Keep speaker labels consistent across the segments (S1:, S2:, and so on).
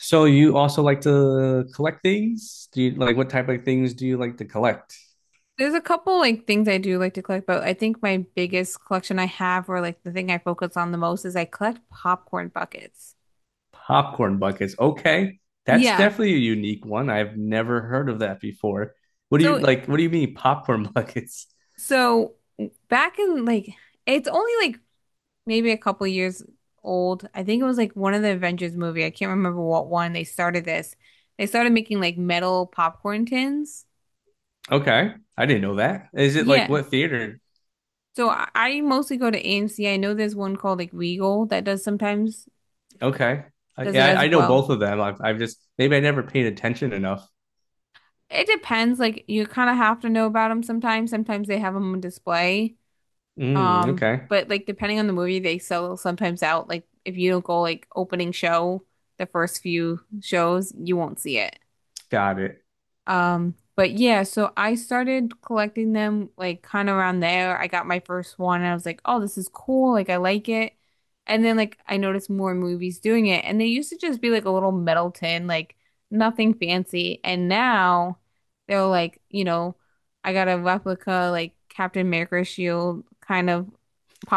S1: So you also like to collect things? Do you like what type of things do you like to collect?
S2: There's a couple like things I do like to collect, but I think my biggest collection I have, or like the thing I focus on the most, is I collect popcorn buckets.
S1: Popcorn buckets. Okay. That's
S2: Yeah.
S1: definitely a unique one. I've never heard of that before. What do you
S2: So
S1: like what do you mean popcorn buckets?
S2: so back in like it's only like maybe a couple years old. I think it was like one of the Avengers movie. I can't remember what one they started this. They started making like metal popcorn tins.
S1: Okay. I didn't know that. Is it like
S2: Yeah.
S1: what theater?
S2: So I mostly go to AMC. I know there's one called like Regal that does sometimes
S1: Okay. I,
S2: does it
S1: yeah, I, I
S2: as
S1: know
S2: well.
S1: both of them. I've just maybe I never paid attention enough.
S2: It depends. Like you kind of have to know about them sometimes. Sometimes they have them on display.
S1: Mm, okay.
S2: But like depending on the movie, they sell sometimes out. Like if you don't go like opening show, the first few shows, you won't see it.
S1: Got it.
S2: But yeah, so I started collecting them like kind of around there. I got my first one and I was like, oh, this is cool. Like, I like it. And then like I noticed more movies doing it. And they used to just be like a little metal tin, like nothing fancy. And now they're like, I got a replica like Captain America shield kind of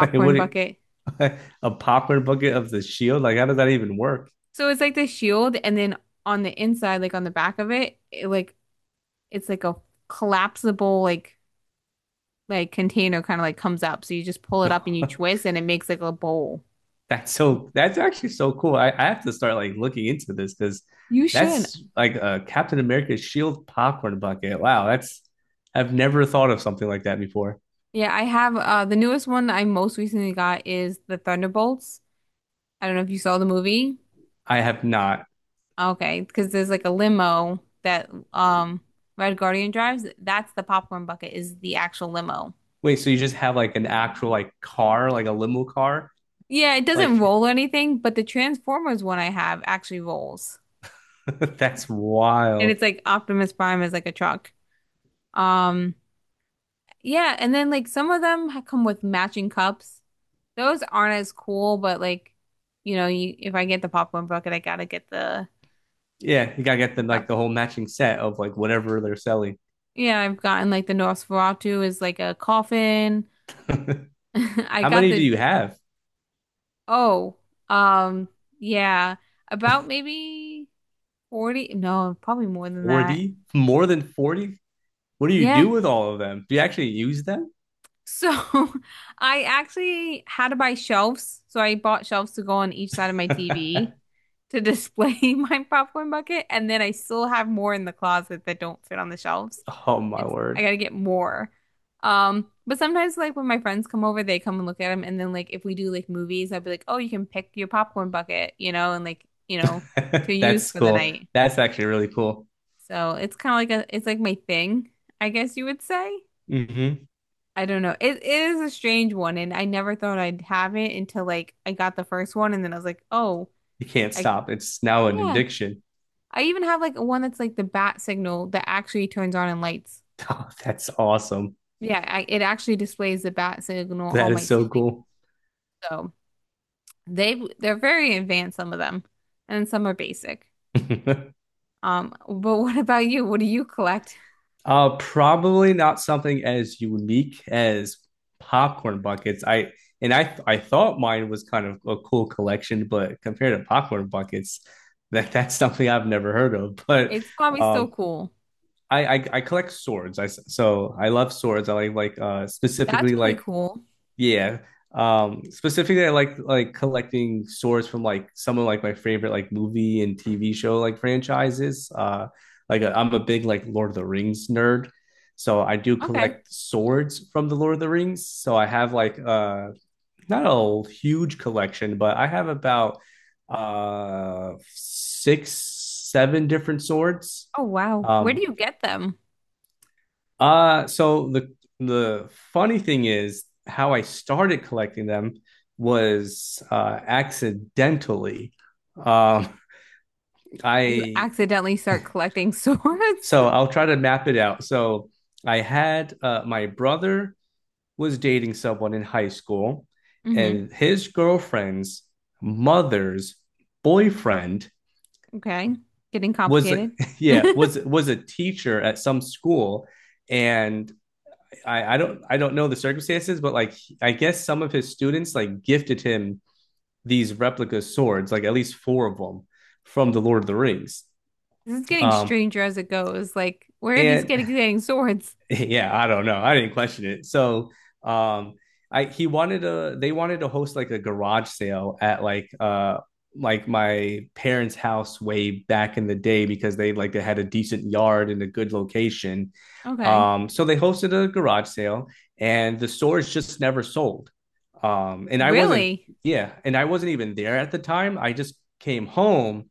S1: Like, What do you-
S2: bucket.
S1: a popcorn bucket of the shield? Like how does that even work?
S2: So it's like the shield and then on the inside, like on the back of it, it like it's like a collapsible like container kind of like comes up. So you just pull it up and you twist and it makes like a bowl.
S1: That's actually so cool. I have to start like looking into this because
S2: You should.
S1: that's like a Captain America shield popcorn bucket. Wow, that's I've never thought of something like that before.
S2: Yeah, I have the newest one I most recently got is the Thunderbolts. I don't know if you saw the movie.
S1: I have not.
S2: Okay, because there's like a limo that Red Guardian drives. That's the popcorn bucket is the actual limo.
S1: Wait, so you just have like an actual like car, like a limo car?
S2: Yeah, it doesn't
S1: Like
S2: roll or anything, but the Transformers one I have actually rolls.
S1: that's
S2: And
S1: wild.
S2: it's like Optimus Prime is like a truck. Um yeah, and then like some of them come with matching cups. Those aren't as cool, but like, if I get the popcorn bucket, I gotta get
S1: Yeah, you gotta get
S2: the
S1: them
S2: cup.
S1: like the whole matching set of like whatever they're selling.
S2: Yeah, I've gotten like the Nosferatu is like a coffin. I
S1: How
S2: got
S1: many do
S2: the,
S1: you have?
S2: oh, um, yeah, about maybe 40, no, probably more than that.
S1: 40? More than 40? What do you
S2: Yeah,
S1: do with all of them? Do you actually use them?
S2: so I actually had to buy shelves. So I bought shelves to go on each side of my TV to display my popcorn bucket. And then I still have more in the closet that don't fit on the shelves.
S1: Oh my
S2: It's I
S1: word.
S2: gotta get more. But sometimes like when my friends come over, they come and look at them. And then like if we do like movies, I'd be like, oh, you can pick your popcorn bucket, you know, and like, you know, to use
S1: That's
S2: for the
S1: cool.
S2: night.
S1: That's actually really cool.
S2: So it's kind of like a it's like my thing, I guess you would say.
S1: hmm
S2: I don't know. It is a strange one, and I never thought I'd have it until like I got the first one, and then I was like, oh,
S1: You can't
S2: I
S1: stop. It's now an
S2: yeah.
S1: addiction.
S2: I even have like one that's like the bat signal that actually turns on and lights.
S1: Oh, that's awesome.
S2: Yeah, it actually displays the bat signal
S1: That
S2: on my
S1: is so
S2: ceiling.
S1: cool.
S2: So they're very advanced, some of them, and some are basic. But what about you? What do you collect?
S1: Probably not something as unique as popcorn buckets. I and I I thought mine was kind of a cool collection, but compared to popcorn buckets, that's something I've never heard of. But
S2: It's probably still
S1: um,
S2: cool.
S1: I collect swords. I love swords. I like
S2: That's
S1: specifically
S2: really
S1: like
S2: cool.
S1: Yeah. Specifically, I like collecting swords from like some of like my favorite like movie and TV show like franchises. I'm a big like Lord of the Rings nerd, so I do
S2: Okay.
S1: collect swords from the Lord of the Rings. So I have like not a huge collection, but I have about six, seven different swords.
S2: Oh wow. Where do
S1: Um,
S2: you get them?
S1: so the funny thing is how I started collecting them was accidentally. Um,
S2: How do you
S1: I
S2: accidentally start collecting swords?
S1: I'll try to map it out. So I had my brother was dating someone in high school,
S2: Hmm.
S1: and his girlfriend's mother's boyfriend
S2: Okay. Getting
S1: was
S2: complicated.
S1: was a teacher at some school, and I don't know the circumstances, but like I guess some of his students like gifted him these replica swords, like at least four of them from the Lord of the Rings.
S2: This is getting
S1: Um,
S2: stranger as it goes. Like, where are these
S1: and
S2: kids getting swords?
S1: Yeah, I don't know. I didn't question it. So, um, I he wanted to they wanted to host like a garage sale at like my parents' house way back in the day because they like they had a decent yard and a good location.
S2: Okay.
S1: So they hosted a garage sale and the stores just never sold. And I wasn't,
S2: Really?
S1: Yeah, and I wasn't even there at the time. I just came home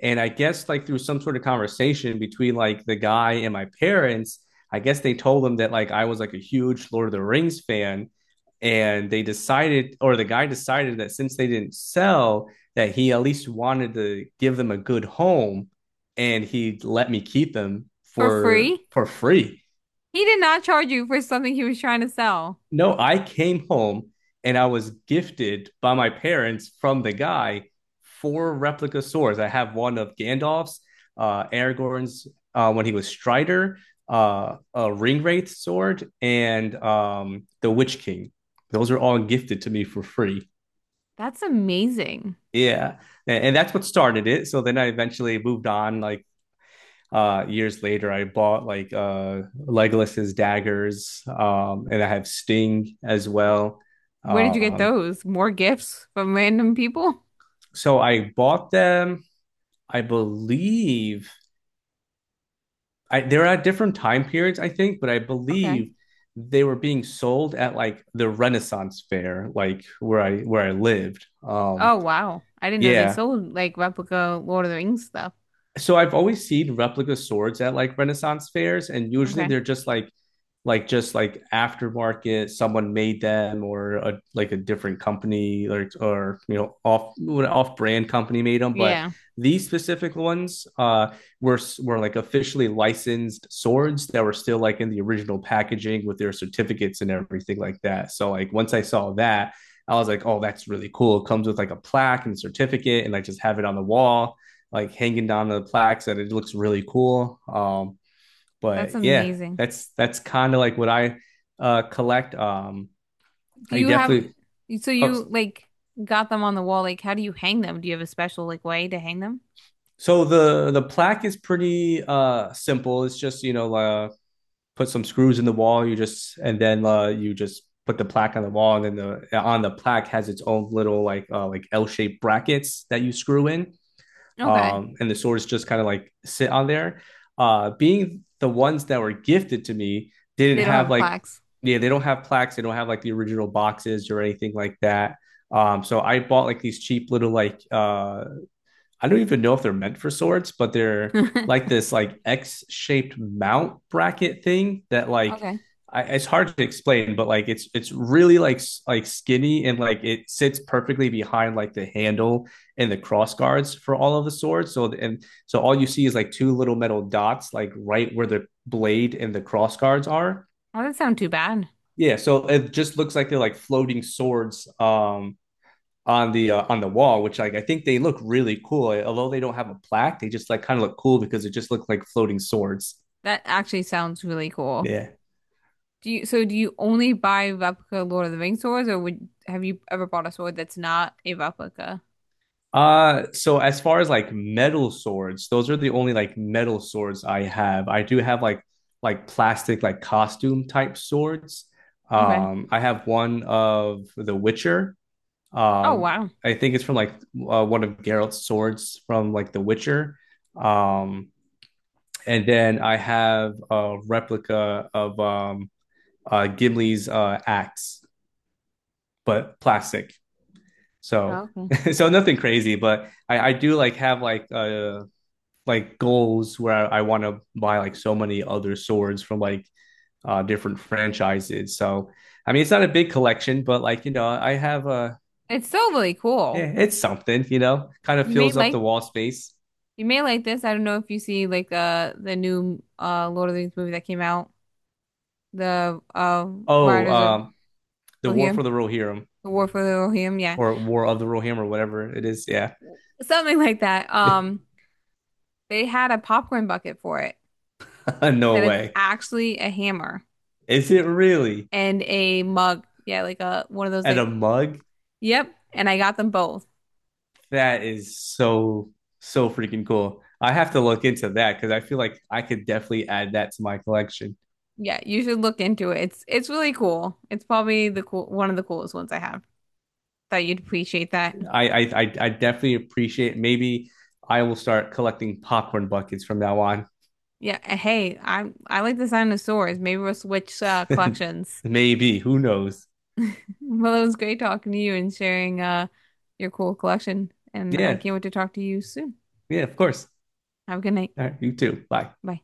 S1: and I guess like through some sort of conversation between like the guy and my parents, I guess they told them that like I was like a huge Lord of the Rings fan. And they decided, or the guy decided that since they didn't sell, that he at least wanted to give them a good home and he let me keep them
S2: For
S1: for
S2: free?
S1: free.
S2: He did not charge you for something he was trying to sell.
S1: No, I came home and I was gifted by my parents from the guy four replica swords. I have one of Gandalf's, Aragorn's when he was Strider, a Ringwraith sword, and the Witch King. Those are all gifted to me for free.
S2: That's amazing.
S1: Yeah, and that's what started it. So then I eventually moved on. Like years later, I bought like Legolas's daggers, and I have Sting as well.
S2: Where did you get
S1: Um,
S2: those? More gifts from random people?
S1: so I bought them, I believe I they're at different time periods, I think, but I
S2: Okay.
S1: believe they were being sold at like the Renaissance fair, where I lived.
S2: Oh, wow. I didn't know they
S1: Yeah.
S2: sold like replica Lord of the Rings stuff.
S1: So I've always seen replica swords at like Renaissance fairs, and usually
S2: Okay.
S1: they're just like just like aftermarket someone made them or like a different company or you know off brand company made them but
S2: Yeah.
S1: these specific ones were like officially licensed swords that were still like in the original packaging with their certificates and everything like that. So like once I saw that, I was like, oh, that's really cool. It comes with like a plaque and certificate, and like just have it on the wall, like hanging down the plaques, and it looks really cool.
S2: That's
S1: But yeah,
S2: amazing.
S1: that's kind of like what I collect.
S2: Do
S1: I
S2: you have,
S1: definitely.
S2: so
S1: Oh,
S2: you like got them on the wall. Like, how do you hang them? Do you have a special like way to hang them?
S1: so the plaque is pretty simple. It's just you know put some screws in the wall. You just put the plaque on the wall, and then the on the plaque has its own little like L shaped brackets that you screw in,
S2: Okay.
S1: and the swords just kind of like sit on there. Being the ones that were gifted to me didn't
S2: They don't
S1: have
S2: have
S1: like
S2: plaques.
S1: yeah they don't have plaques. They don't have like the original boxes or anything like that. So I bought like these cheap little I don't even know if they're meant for swords, but they're like this like X-shaped mount bracket thing that like
S2: Okay.
S1: it's hard to explain, but like it's really like skinny and like it sits perfectly behind like the handle and the cross guards for all of the swords. So and so all you see is like two little metal dots like right where the blade and the cross guards are.
S2: Oh, that doesn't sound too bad.
S1: Yeah, so it just looks like they're like floating swords on the wall, which like I think they look really cool. Although they don't have a plaque, they just like kind of look cool because it just looked like floating swords.
S2: That actually sounds really cool.
S1: Yeah.
S2: Do you, so do you only buy replica Lord of the Rings swords or would, have you ever bought a sword that's not a replica?
S1: So as far as like metal swords, those are the only like metal swords I have. I do have like plastic like costume type swords.
S2: Okay.
S1: I have one of The Witcher.
S2: Oh, wow.
S1: I think it's from like one of Geralt's swords from like The Witcher. Um and then I have a replica of Gimli's axe, but plastic.
S2: Oh,
S1: So
S2: okay.
S1: so nothing crazy, but I do like have like goals where I want to buy like so many other swords from like different franchises. So I mean it's not a big collection, but like you know I have a
S2: It's still really
S1: yeah
S2: cool.
S1: it's something you know kind of
S2: You may
S1: fills up the
S2: like,
S1: wall space.
S2: you may like this. I don't know if you see like the new Lord of the Rings movie that came out the
S1: Oh
S2: Riders of
S1: the War
S2: Rohirrim,
S1: for the Rohirrim
S2: the War for the Rohirrim, yeah,
S1: or War of the Rohirrim or whatever it is. Yeah,
S2: something like that. They had a popcorn bucket for it
S1: no
S2: that it's
S1: way.
S2: actually a hammer
S1: Is it really?
S2: and a mug, yeah, like a one of those
S1: And
S2: like,
S1: a mug?
S2: yep. And I got them both.
S1: That is so, so freaking cool. I have to look into that because I feel like I could definitely add that to my collection.
S2: Yeah, you should look into it. It's really cool. It's probably the one of the coolest ones I have. Thought you'd appreciate that.
S1: I definitely appreciate. Maybe I will start collecting popcorn buckets from now on.
S2: Yeah, and hey, I like the sound of swords. Maybe we'll switch collections.
S1: Maybe, who knows?
S2: Well, it was great talking to you and sharing your cool collection, and I
S1: Yeah,
S2: can't wait to talk to you soon.
S1: yeah, of course.
S2: Have a good night.
S1: All right, you too. Bye.
S2: Bye.